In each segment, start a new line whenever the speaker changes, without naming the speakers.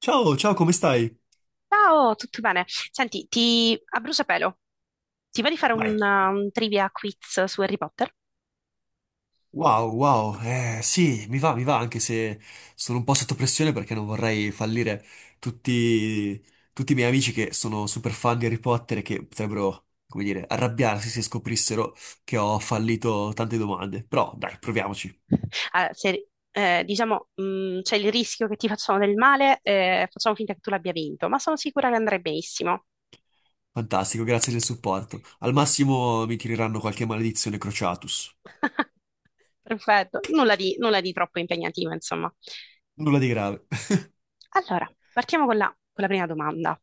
Ciao, ciao, come stai?
Ciao, tutto bene? Senti, ti, a bruciapelo, ti va di fare
Vai.
un trivia quiz su Harry Potter?
Wow, wow, sì, mi va, anche se sono un po' sotto pressione perché non vorrei fallire tutti, tutti i miei amici che sono super fan di Harry Potter e che potrebbero, come dire, arrabbiarsi se scoprissero che ho fallito tante domande. Però, dai, proviamoci.
Ah, se- diciamo, c'è il rischio che ti facciano del male, facciamo finta che tu l'abbia vinto, ma sono sicura che andrai benissimo.
Fantastico, grazie del supporto. Al massimo mi tireranno qualche maledizione Crociatus.
Perfetto, nulla di troppo impegnativo, insomma.
Nulla di grave.
Allora, partiamo con con la prima domanda.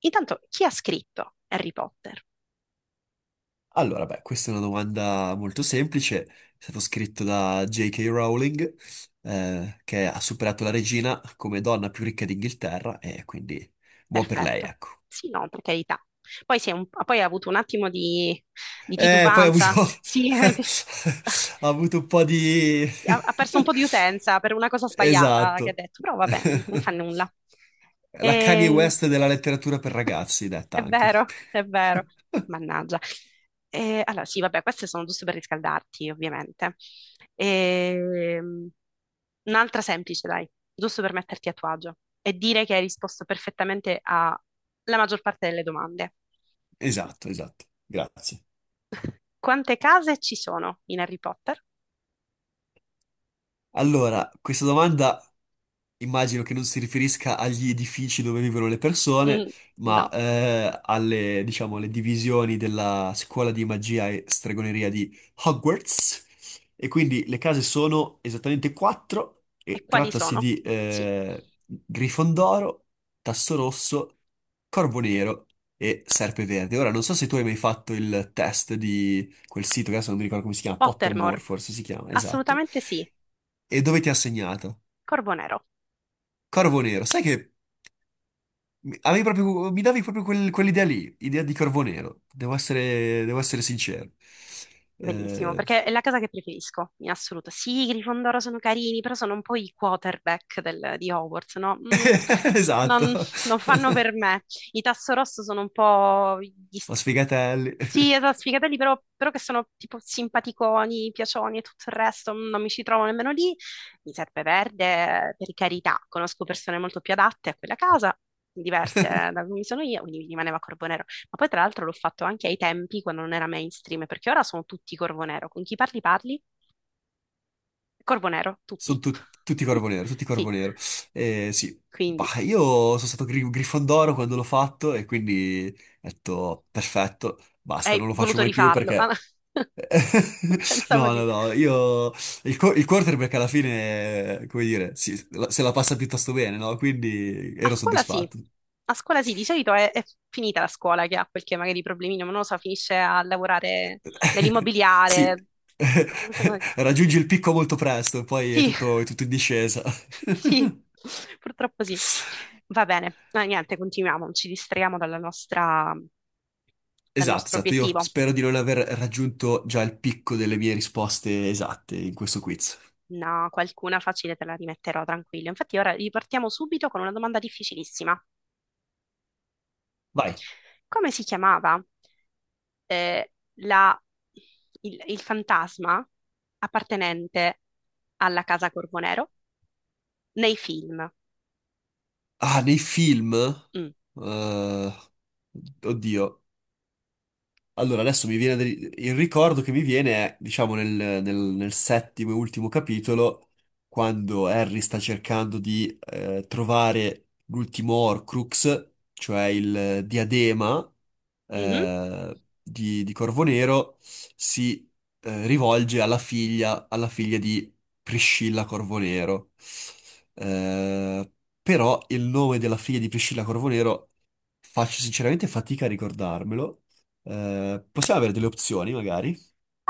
Intanto, chi ha scritto Harry Potter?
Allora, beh, questa è una domanda molto semplice. È stato scritto da J.K. Rowling, che ha superato la regina come donna più ricca d'Inghilterra, e quindi buon per lei,
Perfetto.
ecco.
Sì, no, per carità. Poi, poi hai avuto un attimo di
Poi ha avuto,
titubanza. Sì,
ha avuto un po' di...
ha perso un po' di utenza per una cosa sbagliata che ha
Esatto.
detto, però vabbè, non fa nulla.
La Kanye
E...
West della letteratura per ragazzi, detta
È
anche.
vero, è vero. Mannaggia. E, allora, sì, vabbè, queste sono giuste per riscaldarti, ovviamente. Ehm, Un'altra semplice, dai, giusto per metterti a tuo agio e dire che hai risposto perfettamente alla maggior parte delle domande.
Esatto, esatto. Grazie.
Quante case ci sono in Harry Potter?
Allora, questa domanda immagino che non si riferisca agli edifici dove vivono le persone,
Mm,
ma
no.
alle, diciamo, alle divisioni della scuola di magia e stregoneria di Hogwarts. E quindi le case sono esattamente quattro,
E
e
quali
trattasi
sono?
di
Sì.
Grifondoro, Tasso Rosso, Corvo Nero e Serpe Verde. Ora, non so se tu hai mai fatto il test di quel sito, che adesso non mi ricordo come si chiama,
Pottermore?
Pottermore forse si chiama, esatto,
Assolutamente sì.
e dove ti ha segnato.
Corvo Nero.
Corvo Nero, sai che avevi proprio, mi davi proprio quell'idea lì, idea di Corvo Nero, devo essere sincero.
Bellissimo,
Eh,
perché è la casa che preferisco, in assoluto. Sì, i Grifondoro sono carini, però sono un po' i quarterback di Hogwarts, no? Mm,
Esatto,
non, non fanno per me. I Tasso Rosso sono un po'
ma sfigatelli,
sì, esatto, sfigatelli, però che sono tipo simpaticoni, piacioni e tutto il resto, mm, non mi ci trovo nemmeno lì. Mi serve verde, per carità, conosco persone molto più adatte a quella casa, diverse da come sono io, quindi mi rimaneva ma poi tra l'altro l'ho fatto anche ai tempi quando non era mainstream, perché ora sono tutti Corvo Nero. Con chi parli parli? Corvo Nero,
sono
tutti.
tutti Corvo Nero, tutti
Sì,
Corvo Nero. Sì,
quindi
bah, io sono stato Grifondoro quando l'ho fatto e quindi ho detto perfetto, basta,
hai
non lo faccio
voluto
mai più
rifarlo. Ah,
perché...
no, pensavo
No, no,
di...
no, io il quarterback alla fine, come dire, se la passa piuttosto bene, no? Quindi
A
ero
scuola sì,
soddisfatto.
a scuola sì, di solito è finita la scuola che ha qualche magari problemino, ma non lo so, finisce a lavorare
Sì,
nell'immobiliare. Questa cosa-
raggiungi il picco molto presto, e poi
Sì,
è tutto in discesa.
sì, purtroppo sì. Va bene, no, niente, continuiamo, non ci distraiamo dalla nostra, dal
Esatto,
nostro
esatto, io
obiettivo.
spero di non aver raggiunto già il picco delle mie risposte esatte in questo quiz.
No, qualcuna facile te la rimetterò tranquillo. Infatti, ora ripartiamo subito con una domanda difficilissima.
Vai.
Come si chiamava eh, la- il fantasma appartenente alla casa Corvonero nei film?
Ah, nei film?
Mm.
Eh, Oddio. Allora, adesso mi viene il ricordo che mi viene è, diciamo, nel settimo e ultimo capitolo, quando Harry sta cercando di trovare l'ultimo Horcrux, cioè il diadema
Mhm.
di Corvo Nero, si rivolge alla figlia di Priscilla Corvo Nero. Eh, Però il nome della figlia di Priscilla Corvo Nero faccio sinceramente fatica a ricordarmelo. Possiamo avere delle opzioni, magari,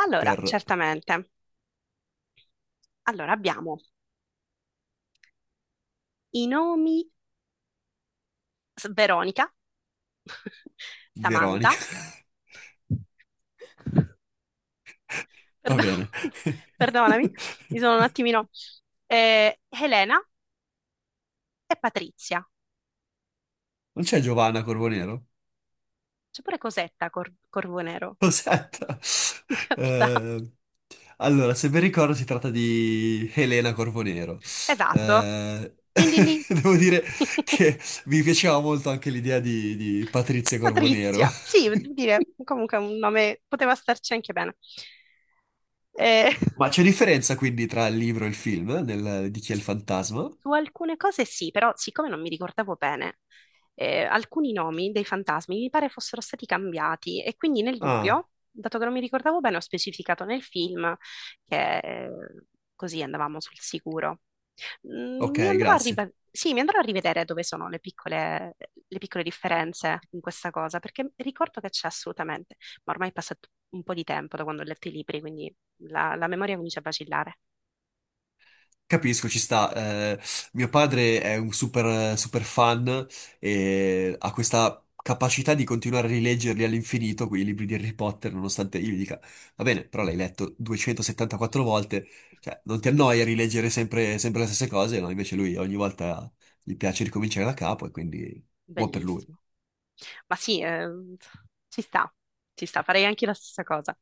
Allora,
per
certamente. Allora, abbiamo i nomi Veronica,
Veronica.
Samantha,
Va
perdo-
bene.
perdonami, mi sono un attimino, Elena e Patrizia.
Non c'è Giovanna Corbonero?
C'è pure Cosetta, Corvo Nero,
Aspetta.
in realtà.
Eh, allora, se ben ricordo, si tratta di Elena Corbonero.
Esatto.
Eh,
Din din din.
Devo dire che mi piaceva molto anche l'idea di Patrizia Corbonero.
Patrizia, sì, devo dire, comunque è un nome poteva starci anche bene. Eh,
Ma c'è differenza quindi tra il libro e il film, di chi è il fantasma?
su alcune cose sì, però siccome non mi ricordavo bene, alcuni nomi dei fantasmi mi pare fossero stati cambiati e quindi nel
Ah,
dubbio, dato che non mi ricordavo bene, ho specificato nel film che così andavamo sul sicuro. Mm,
ok,
mi andrò a
grazie.
sì, mi andrò a rivedere dove sono le piccole differenze in questa cosa, perché ricordo che c'è assolutamente, ma ormai è passato un po' di tempo da quando ho letto i libri, quindi la memoria comincia a vacillare.
Capisco, ci sta. Mio padre è un super, super fan e ha questa capacità di continuare a rileggerli all'infinito, quei libri di Harry Potter, nonostante io gli dica, va bene, però l'hai letto 274 volte, cioè non ti annoia rileggere sempre, sempre le stesse cose, no? Invece lui ogni volta gli piace ricominciare da capo e quindi buon per lui.
Bellissimo. Ma sì, ci sta, ci sta, farei anche la stessa cosa.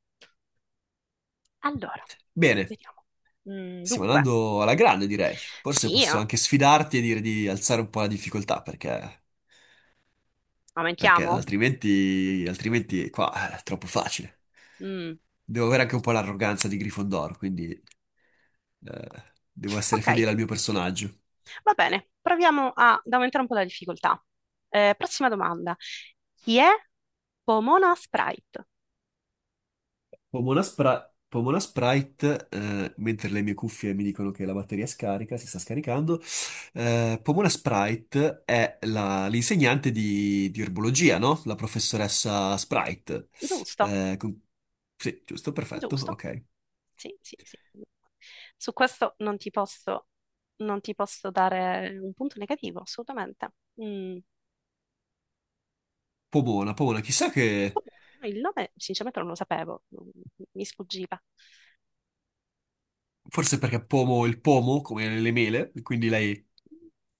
Allora,
Bene,
vediamo. Mm,
stiamo
dunque,
andando alla grande, direi. Forse
sì,
posso anche sfidarti e dire di alzare un po' la difficoltà, perché
aumentiamo?
altrimenti qua è troppo facile.
Mm,
Devo avere anche un po' l'arroganza di Gryffondor, quindi eh, devo essere
ok,
fedele al mio personaggio.
va bene, ad aumentare un po' la difficoltà. Prossima domanda. Chi è Pomona Sprite?
Pomona Sprite, mentre le mie cuffie mi dicono che la batteria scarica, si sta scaricando, Pomona Sprite è l'insegnante di erbologia, no? La professoressa Sprite.
Giusto,
Eh, con- Sì, giusto, perfetto,
giusto.
ok.
Sì, sì, sì. Su questo non ti posso dare un punto negativo, assolutamente. Mm.
Pomona, Pomona, chissà che...
Comunque, il nome sinceramente non lo sapevo, mi sfuggiva.
Forse perché pomo il pomo, come nelle mele, quindi lei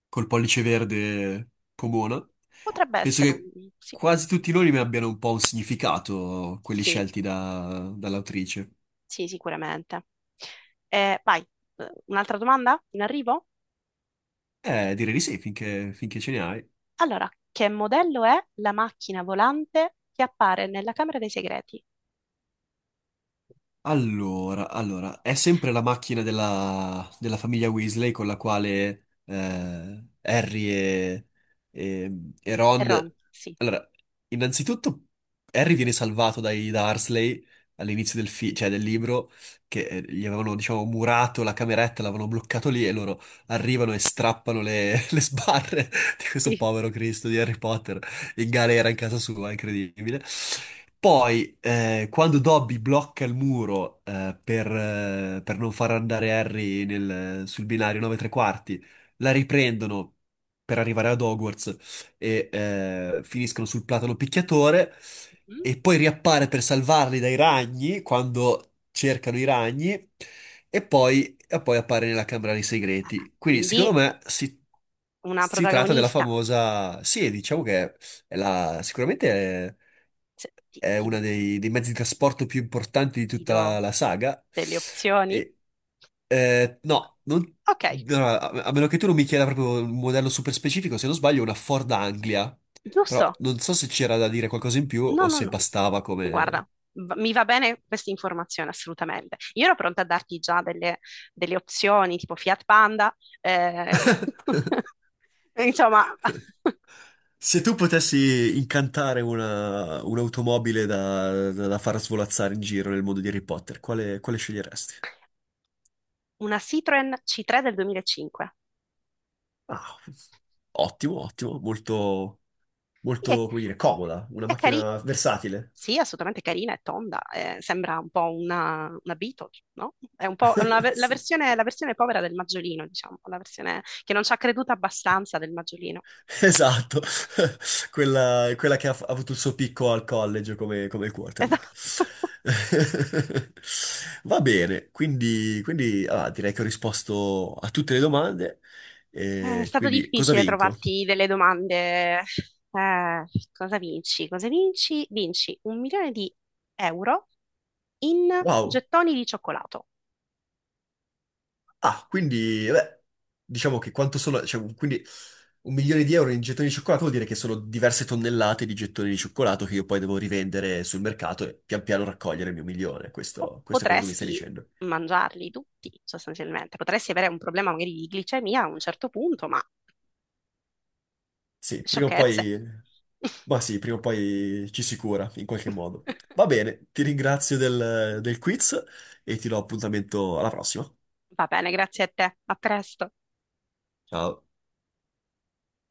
col pollice verde pomona.
Potrebbe
Penso
essere,
che
sì,
quasi tutti i nomi abbiano un po' un significato, quelli
sì,
scelti dall'autrice.
sì, sicuramente. Vai, un'altra domanda in arrivo?
Direi di sì, finché ce ne hai.
Allora, che modello è la macchina volante che appare nella Camera dei Segreti?
Allora, è sempre la macchina della famiglia Weasley con la quale Harry e
È Ron,
Ron.
sì.
Allora, innanzitutto Harry viene salvato dai Dursley all'inizio cioè del libro, che gli avevano, diciamo, murato la cameretta, l'avevano bloccato lì e loro arrivano e strappano le, le sbarre di questo
Sì.
povero Cristo di Harry Potter in galera in casa sua, incredibile. Poi, quando Dobby blocca il muro per non far andare Harry sul binario 9 3 quarti, la riprendono per arrivare ad Hogwarts e finiscono sul platano picchiatore.
Mm?
E poi riappare per salvarli dai ragni quando cercano i ragni. E poi appare nella Camera dei
Ah,
Segreti. Quindi,
quindi
secondo me,
una
si tratta della
protagonista.
famosa. Sì, diciamo che è sicuramente è,
Se- Ti,
è
ti
uno
do,
dei mezzi di trasporto più importanti di
ti
tutta
do
la saga.
delle opzioni?
E, no,
Ok,
allora, a meno che tu non mi chieda proprio un modello super specifico, se non sbaglio, è una Ford Anglia. Però
giusto.
non so se c'era da dire qualcosa in più
No,
o
no,
se
no.
bastava come...
Guarda, mi va bene questa informazione assolutamente. Io ero pronta a darti già delle opzioni tipo Fiat Panda, eh, insomma,
Se tu potessi incantare un'automobile da far svolazzare in giro nel mondo di Harry Potter, quale sceglieresti?
una Citroen C3 del 2005.
Ah, ottimo, ottimo, molto.
Sì, è,
molto, come dire, comoda, una
è cari-
macchina versatile.
sì, è assolutamente carina, è tonda, sembra un po' una Beetle, no? È un po'
Sì.
la versione povera del Maggiolino, diciamo, la versione che non ci ha creduto abbastanza del Maggiolino.
Esatto, quella che ha avuto il suo picco al college come, come quarterback.
Esatto.
Va bene, quindi, ah, direi che ho risposto a tutte le domande.
È
E
stato
quindi cosa
difficile
vinco?
trovarti delle domande. Eh, cosa vinci? Cosa vinci? Vinci 1.000.000 di euro in
Wow!
gettoni di cioccolato.
Ah, quindi, beh, diciamo che quanto sono, cioè, quindi un milione di euro in gettoni di cioccolato vuol dire che sono diverse tonnellate di gettoni di cioccolato che io poi devo rivendere sul mercato e pian piano raccogliere il mio milione.
O
Questo è quello che mi stai
potresti
dicendo.
mangiarli tutti, sostanzialmente. Potresti avere un problema magari di glicemia a un certo punto, ma
Sì, prima o
sciocchezze.
poi, ma sì, prima o poi ci si cura in qualche modo. Va bene, ti ringrazio del quiz e ti do appuntamento alla prossima.
Va bene, grazie a te. A presto.
Ciao.